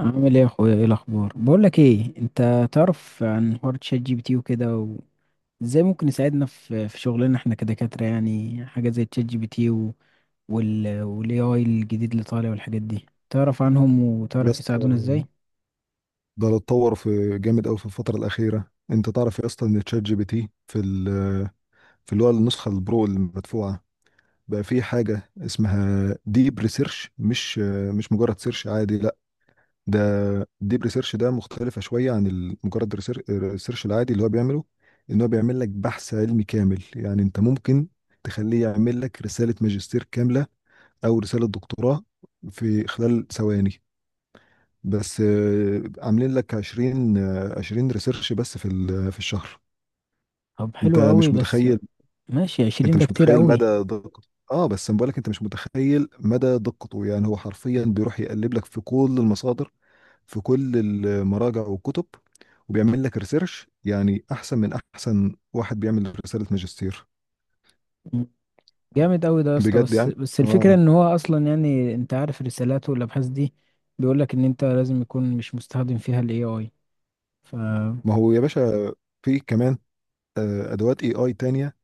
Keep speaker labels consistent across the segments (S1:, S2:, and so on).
S1: عامل ايه يا اخويا، ايه الاخبار؟ بقول لك ايه، انت تعرف عن حوار تشات جي بي تي وكده، وازاي ممكن يساعدنا في شغلنا احنا كدكاترة؟ يعني حاجة زي تشات جي بي تي والاي اي الجديد اللي طالع والحاجات دي، تعرف عنهم
S2: يا
S1: وتعرف
S2: اسطى،
S1: يساعدونا ازاي؟
S2: ده اللي اتطور في جامد قوي في الفترة الأخيرة. أنت تعرف يا اسطى إن تشات جي بي تي في اللي هو النسخة البرو المدفوعة، بقى في حاجة اسمها ديب ريسيرش، مش مجرد سيرش عادي، لا. ده ديب ريسيرش ده مختلفة شوية عن الريسيرش العادي اللي هو بيعمله. إن هو بيعمل لك بحث علمي كامل. يعني أنت ممكن تخليه يعمل لك رسالة ماجستير كاملة أو رسالة دكتوراه في خلال ثواني. بس، عاملين لك 20، 20 ريسيرش بس في الشهر.
S1: طب
S2: انت
S1: حلو قوي.
S2: مش
S1: بس
S2: متخيل
S1: ماشي،
S2: انت
S1: 20 ده
S2: مش
S1: كتير
S2: متخيل
S1: قوي.
S2: مدى دقته. اه، بس أنا بقولك انت مش متخيل مدى دقته. يعني هو حرفيا بيروح يقلب لك في كل المصادر، في كل المراجع والكتب، وبيعمل لك ريسيرش يعني احسن من احسن واحد بيعمل رسالة ماجستير
S1: م. جامد قوي ده يا اسطى.
S2: بجد.
S1: بس
S2: يعني،
S1: بس الفكرة
S2: اه.
S1: ان هو اصلا، يعني انت عارف رسالاته والابحاث دي بيقولك ان انت لازم يكون مش مستخدم فيها الاي اي.
S2: ما هو يا باشا، في كمان ادوات اي اي تانية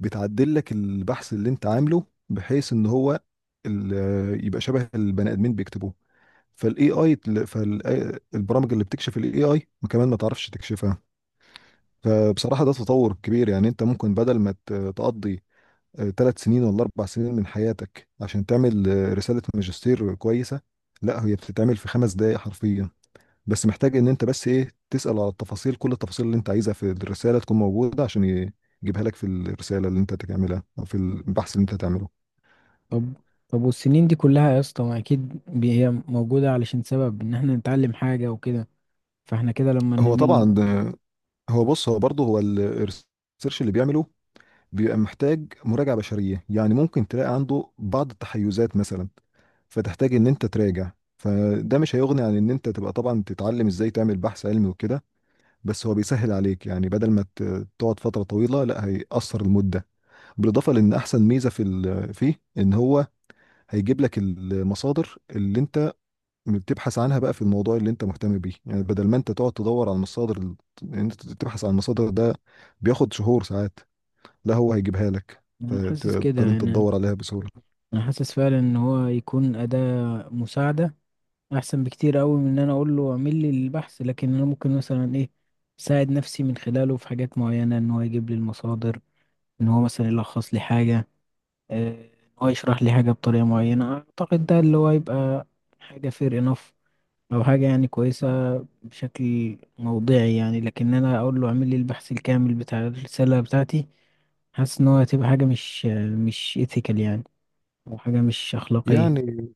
S2: بتعدل لك البحث اللي انت عامله، بحيث ان هو يبقى شبه البني ادمين بيكتبوه، فالاي اي، فالبرامج اللي بتكشف الاي اي كمان ما تعرفش تكشفها. فبصراحة ده تطور كبير. يعني انت ممكن بدل ما تقضي 3 سنين ولا 4 سنين من حياتك عشان تعمل رسالة ماجستير كويسة، لا هي بتتعمل في 5 دقايق حرفيا. بس محتاج ان انت بس ايه، تسأل على التفاصيل، كل التفاصيل اللي انت عايزها في الرسالة تكون موجودة عشان يجيبها لك في الرسالة اللي انت تعملها او في البحث اللي انت تعمله.
S1: طب طب والسنين دي كلها يا اسطى، ما اكيد هي موجودة علشان سبب ان احنا نتعلم حاجة وكده، فاحنا كده لما
S2: هو
S1: نمل.
S2: طبعا ده- هو بص، هو برضه، هو الريسيرش اللي بيعمله بيبقى محتاج مراجعة بشرية. يعني ممكن تلاقي عنده بعض التحيزات مثلا، فتحتاج ان انت تراجع. فده مش هيغني عن ان انت تبقى طبعا تتعلم ازاي تعمل بحث علمي وكده. بس هو بيسهل عليك، يعني بدل ما تقعد فترة طويلة، لا هيقصر المدة. بالاضافه لان احسن ميزه فيه، ان هو هيجيب لك المصادر اللي انت بتبحث عنها بقى في الموضوع اللي انت مهتم بيه. يعني بدل ما انت تقعد تدور على المصادر ان انت تبحث عن المصادر، ده بياخد شهور ساعات. لا، هو هيجيبها لك
S1: انا حاسس كده
S2: فتقدر انت
S1: يعني،
S2: تدور عليها بسهوله.
S1: انا حاسس فعلا ان هو يكون أداة مساعدة احسن بكتير قوي من ان انا اقول له اعمل لي البحث، لكن انا ممكن مثلا ايه اساعد نفسي من خلاله في حاجات معينة: ان هو يجيب لي المصادر، ان هو مثلا يلخص لي حاجة، ان هو يشرح لي حاجة بطريقة معينة. اعتقد ده اللي هو يبقى حاجة fair enough، او حاجة يعني كويسة بشكل موضعي. يعني لكن انا اقول له اعمل لي البحث الكامل بتاع الرسالة بتاعتي، حاسس ان هو هتبقى حاجة مش ethical يعني، او حاجة مش اخلاقية.
S2: يعني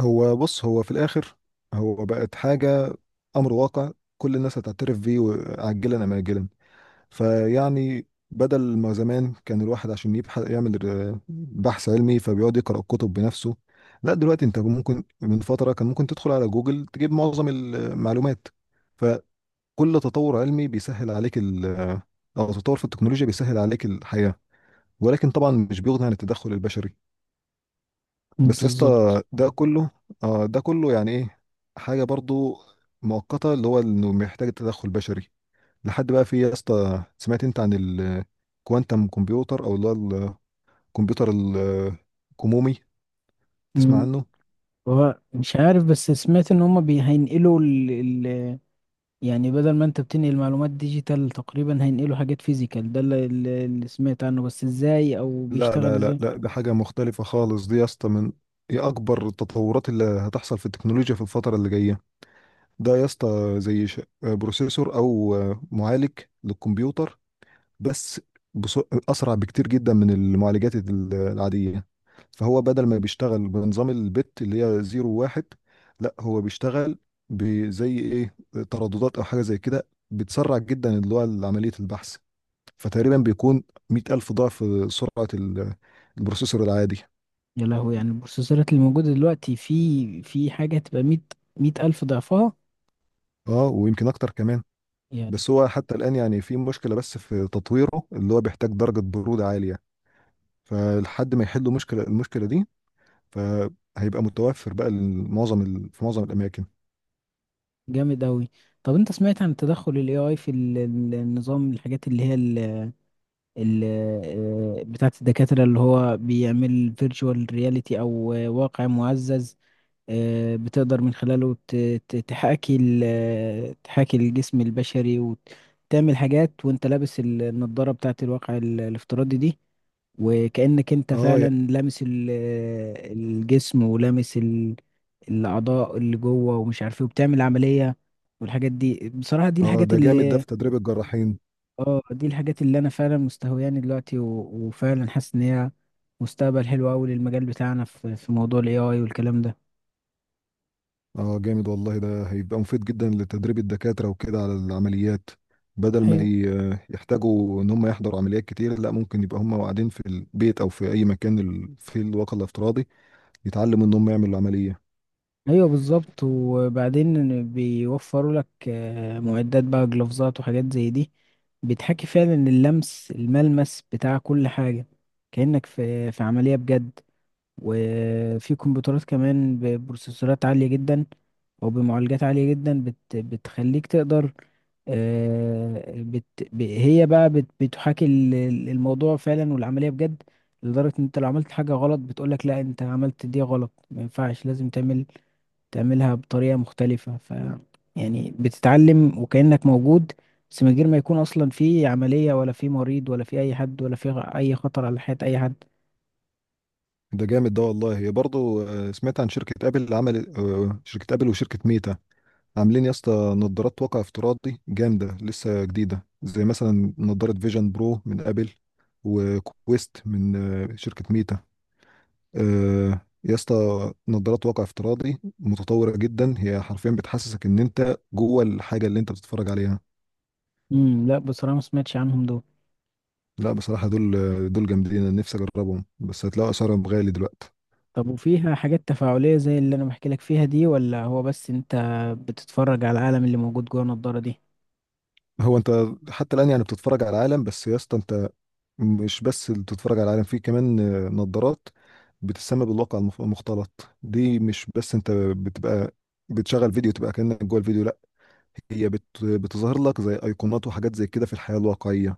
S2: هو بص، هو في الاخر هو بقت حاجه، امر واقع، كل الناس هتعترف بيه عاجلا ام اجلا. فيعني بدل ما زمان كان الواحد عشان يبحث يعمل بحث علمي، فبيقعد يقرأ الكتب بنفسه. لا، دلوقتي انت ممكن، من فترة كان ممكن تدخل على جوجل تجيب معظم المعلومات. فكل تطور علمي بيسهل عليك او تطور في التكنولوجيا بيسهل عليك الحياة، ولكن طبعا مش بيغني عن التدخل البشري. بس يا
S1: بالظبط.
S2: اسطى، ده كله يعني ايه، حاجة برضو مؤقتة، اللي هو انه محتاج تدخل بشري لحد بقى في. يا اسطى، سمعت انت عن الكوانتم كمبيوتر، او اللي هو الكمبيوتر الكمومي؟ تسمع
S1: مم.
S2: عنه؟
S1: هو مش عارف، بس سمعت ان هما هينقلوا ال... يعني بدل ما انت بتنقل معلومات ديجيتال تقريبا، هينقلوا حاجات فيزيكال. ده اللي، سمعت عنه، بس ازاي او
S2: لا
S1: بيشتغل
S2: لا لا
S1: ازاي؟
S2: لا، ده حاجة مختلفة خالص دي يا اسطى. من هي اكبر التطورات اللي هتحصل في التكنولوجيا في الفترة اللي جاية. ده يا اسطى زي بروسيسور او معالج للكمبيوتر، بس بص، اسرع بكتير جدا من المعالجات العاديه. فهو بدل ما بيشتغل بنظام البت اللي هي زيرو واحد، لا هو بيشتغل بزي ايه، ترددات او حاجه زي كده بتسرع جدا اللي هو عمليه البحث. فتقريبا بيكون 100,000 ضعف سرعه البروسيسور العادي.
S1: يا لهوي، يعني البروسيسورات اللي موجودة دلوقتي في حاجة هتبقى 100,000 ضعفها؟
S2: اه، ويمكن اكتر كمان.
S1: يا.
S2: بس هو حتى الان يعني في مشكله، بس في تطويره اللي هو بيحتاج درجه بروده عاليه. فلحد ما يحلوا المشكله دي، فهيبقى متوفر بقى في معظم الاماكن.
S1: جامد أوي. طب أنت سمعت عن تدخل ال AI في النظام، الحاجات اللي هي ال ال بتاعة الدكاترة، اللي هو بيعمل فيرتشوال رياليتي أو واقع معزز؟ بتقدر من خلاله تحاكي تحاكي الجسم البشري وتعمل حاجات وأنت لابس النضارة بتاعة الواقع الافتراضي دي، وكأنك انت
S2: اه،
S1: فعلا
S2: يعني.
S1: لامس الجسم ولامس الأعضاء اللي جوه، ومش عارف ايه، وبتعمل عملية. والحاجات دي بصراحة دي
S2: اه،
S1: الحاجات
S2: ده جامد ده
S1: اللي.
S2: في تدريب الجراحين.
S1: اه دي الحاجات اللي انا فعلا مستهوياني دلوقتي، وفعلا حاسس ان هي مستقبل حلو قوي للمجال بتاعنا في موضوع الاي اي والكلام
S2: اه، جامد والله، ده هيبقى مفيد جدا لتدريب الدكاترة وكده على العمليات. بدل ما
S1: ده.
S2: يحتاجوا ان هم يحضروا عمليات كتير، لا ممكن يبقى هم قاعدين في البيت او في اي مكان في الواقع الافتراضي يتعلموا ان هم يعملوا عملية.
S1: ايوه بالظبط. وبعدين بيوفروا لك معدات بقى، جلوفزات وحاجات زي دي، بتحكي فعلا اللمس، الملمس بتاع كل حاجة، كأنك في عملية بجد. وفي كمبيوترات كمان ببروسيسورات عالية جدا، او بمعالجات عالية جدا، بتخليك تقدر آه، بت هي بقى بتحاكي الموضوع فعلا والعملية بجد، لدرجة ان انت لو عملت حاجة غلط بتقولك لا انت عملت دي غلط، ما ينفعش، لازم تعملها بطريقة مختلفة. ف يعني بتتعلم وكأنك موجود، بس من غير ما يكون أصلا في عملية ولا في مريض ولا في أي حد ولا في أي خطر على حياة أي حد.
S2: ده جامد ده والله. هي برضه، سمعت عن شركة ابل، عمل آه، شركة ابل وشركة ميتا عاملين يا اسطى نظارات واقع افتراضي جامدة لسه جديدة، زي مثلا نظارة فيجن برو من ابل، وكويست من شركة ميتا. يا اسطى، نظارات واقع افتراضي متطورة جدا، هي حرفيا بتحسسك ان انت جوه الحاجة اللي انت بتتفرج عليها.
S1: امم. لا بصراحة ما سمعتش عنهم دول.
S2: لا، بصراحة دول جامدين، انا نفسي اجربهم، بس هتلاقوا اسعارهم غالي دلوقتي.
S1: طب وفيها حاجات تفاعلية زي اللي أنا بحكي لك فيها دي، ولا هو بس أنت بتتفرج على العالم اللي موجود جوه النضارة دي؟
S2: هو انت حتى الان يعني بتتفرج على العالم، بس يا اسطى انت مش بس اللي بتتفرج على العالم، في كمان نظارات بتسمى بالواقع المختلط دي. مش بس انت بتبقى بتشغل فيديو تبقى كأنك جوه الفيديو، لا، هي بتظهر لك زي ايقونات وحاجات زي كده في الحياة الواقعية.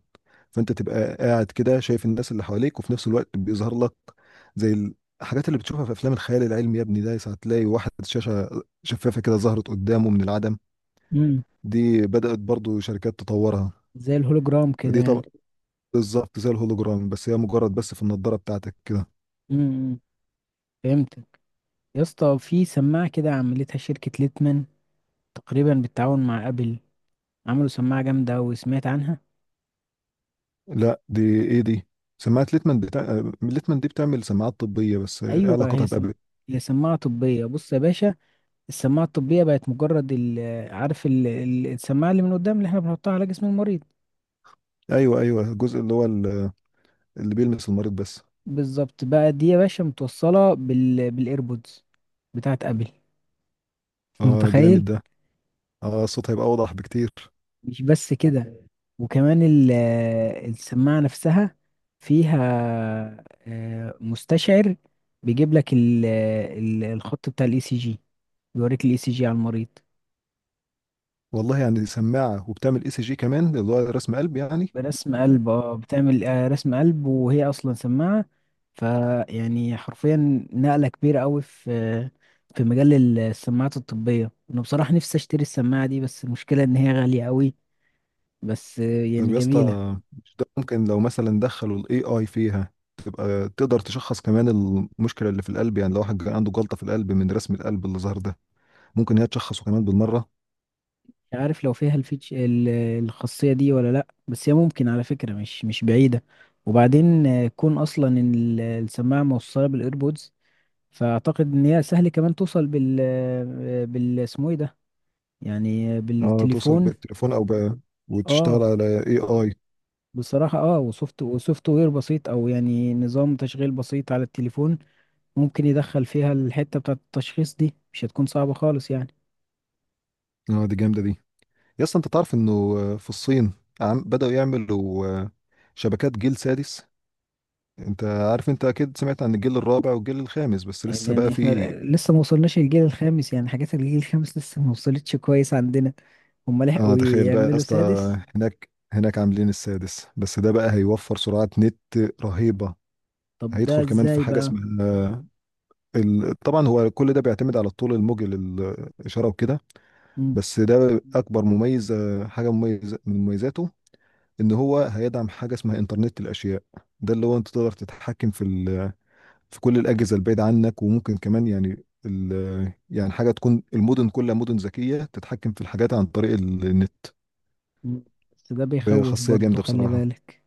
S2: فانت تبقى قاعد كده شايف الناس اللي حواليك، وفي نفس الوقت بيظهر لك زي الحاجات اللي بتشوفها في افلام الخيال العلمي يا ابني. ده ساعة تلاقي واحد شاشة شفافة كده ظهرت قدامه من العدم.
S1: امم.
S2: دي بدأت برضو شركات تطورها.
S1: زي الهولوجرام كده
S2: فدي
S1: يعني.
S2: طبعا بالظبط زي الهولوجرام، بس هي مجرد، بس في النضارة بتاعتك كده.
S1: امم. فهمتك. يا اسطى، في سماعة كده عملتها شركة ليتمان، تقريبا بالتعاون مع أبل، عملوا سماعة جامدة وسمعت عنها.
S2: لا، دي ايه دي؟ سماعة ليتمان، بتاع ليتمان دي بتعمل سماعات طبية، بس ايه
S1: ايوه،
S2: علاقتها بأبل؟
S1: هي سماعه طبيه. بص يا باشا، السماعه الطبيه بقت مجرد عارف السماعه اللي من قدام اللي احنا بنحطها على جسم المريض؟
S2: ايوه، ايوه، الجزء اللي هو اللي بيلمس المريض بس.
S1: بالظبط بقى. دي يا باشا متوصله بالايربودز بتاعت ابل، أنت
S2: اه،
S1: متخيل؟
S2: جامد ده. اه، الصوت هيبقى اوضح بكتير.
S1: مش بس كده، وكمان السماعه نفسها فيها مستشعر بيجيب لك الخط بتاع الاي سي جي، بيوريك الاي سي جي على المريض.
S2: والله، يعني سماعة وبتعمل اي سي جي كمان، اللي هو رسم قلب يعني.
S1: برسم قلب، اه، بتعمل رسم قلب وهي اصلا سماعه. فيعني حرفيا نقله كبيره قوي في مجال السماعات الطبيه. انا بصراحه نفسي اشتري السماعه دي، بس المشكله ان هي غاليه قوي. بس يعني
S2: طب يا اسطى،
S1: جميله.
S2: مش ده ممكن لو مثلا دخلوا الاي اي فيها، تبقى تقدر تشخص كمان المشكلة اللي في القلب؟ يعني لو واحد كان عنده جلطة في القلب من رسم القلب اللي ظهر ده، ممكن هي تشخصه كمان بالمرة.
S1: مش عارف لو فيها الفيتش الخاصيه دي ولا لا، بس هي ممكن على فكره مش بعيده. وبعدين كون اصلا ان السماعه موصله بالايربودز، فاعتقد ان هي سهل كمان توصل بال بال اسمه ايه ده، يعني
S2: اه، توصل
S1: بالتليفون.
S2: بالتليفون او وتشتغل
S1: اه
S2: على اي اي.
S1: بصراحة، اه، وسوفت وير بسيط، او يعني نظام تشغيل بسيط على التليفون، ممكن يدخل فيها الحتة بتاعة التشخيص دي، مش هتكون صعبة خالص يعني.
S2: اه، دي جامدة دي. يا اسطى انت تعرف انه في الصين عم بدأوا يعملوا شبكات جيل سادس. انت عارف، انت اكيد سمعت عن الجيل الرابع والجيل الخامس، بس لسه بقى
S1: يعني احنا
S2: في.
S1: لسه ما وصلناش للجيل الخامس، يعني حاجات الجيل الخامس لسه ما وصلتش كويس عندنا، هما
S2: اه،
S1: لحقوا
S2: تخيل بقى يا
S1: يعملوا
S2: اسطى،
S1: سادس؟
S2: هناك عاملين السادس، بس ده بقى هيوفر سرعة نت رهيبة.
S1: طب ده
S2: هيدخل كمان في
S1: ازاي
S2: حاجة
S1: بقى؟
S2: اسمها طبعا هو كل ده بيعتمد على الطول الموجي للإشارة وكده.
S1: مم.
S2: بس ده أكبر مميز آه، حاجة مميزة من مميزاته، ان هو هيدعم حاجه اسمها انترنت الاشياء. ده اللي هو انت تقدر تتحكم في كل الاجهزه البعيده عنك، وممكن كمان يعني يعني حاجه تكون المدن كلها مدن ذكيه تتحكم في الحاجات عن طريق النت.
S1: مم. بس ده
S2: فهي
S1: بيخوف
S2: خاصيه
S1: برضه،
S2: جامده
S1: خلي
S2: بصراحه،
S1: بالك.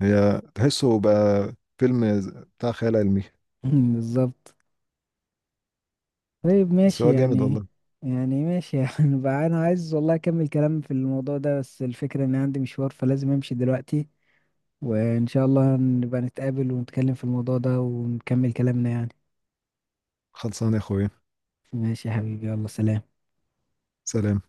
S2: هي تحسه بقى فيلم بتاع خيال علمي.
S1: بالظبط. طيب
S2: بس
S1: ماشي
S2: هو جامد
S1: يعني.
S2: والله.
S1: يعني ماشي يعني بقى انا عايز والله اكمل كلام في الموضوع ده، بس الفكرة ان عندي مشوار فلازم امشي دلوقتي. وان شاء الله نبقى نتقابل ونتكلم في الموضوع ده ونكمل كلامنا يعني.
S2: خلصان يا اخويا.
S1: ماشي يا حبيبي، يلا سلام.
S2: سلام.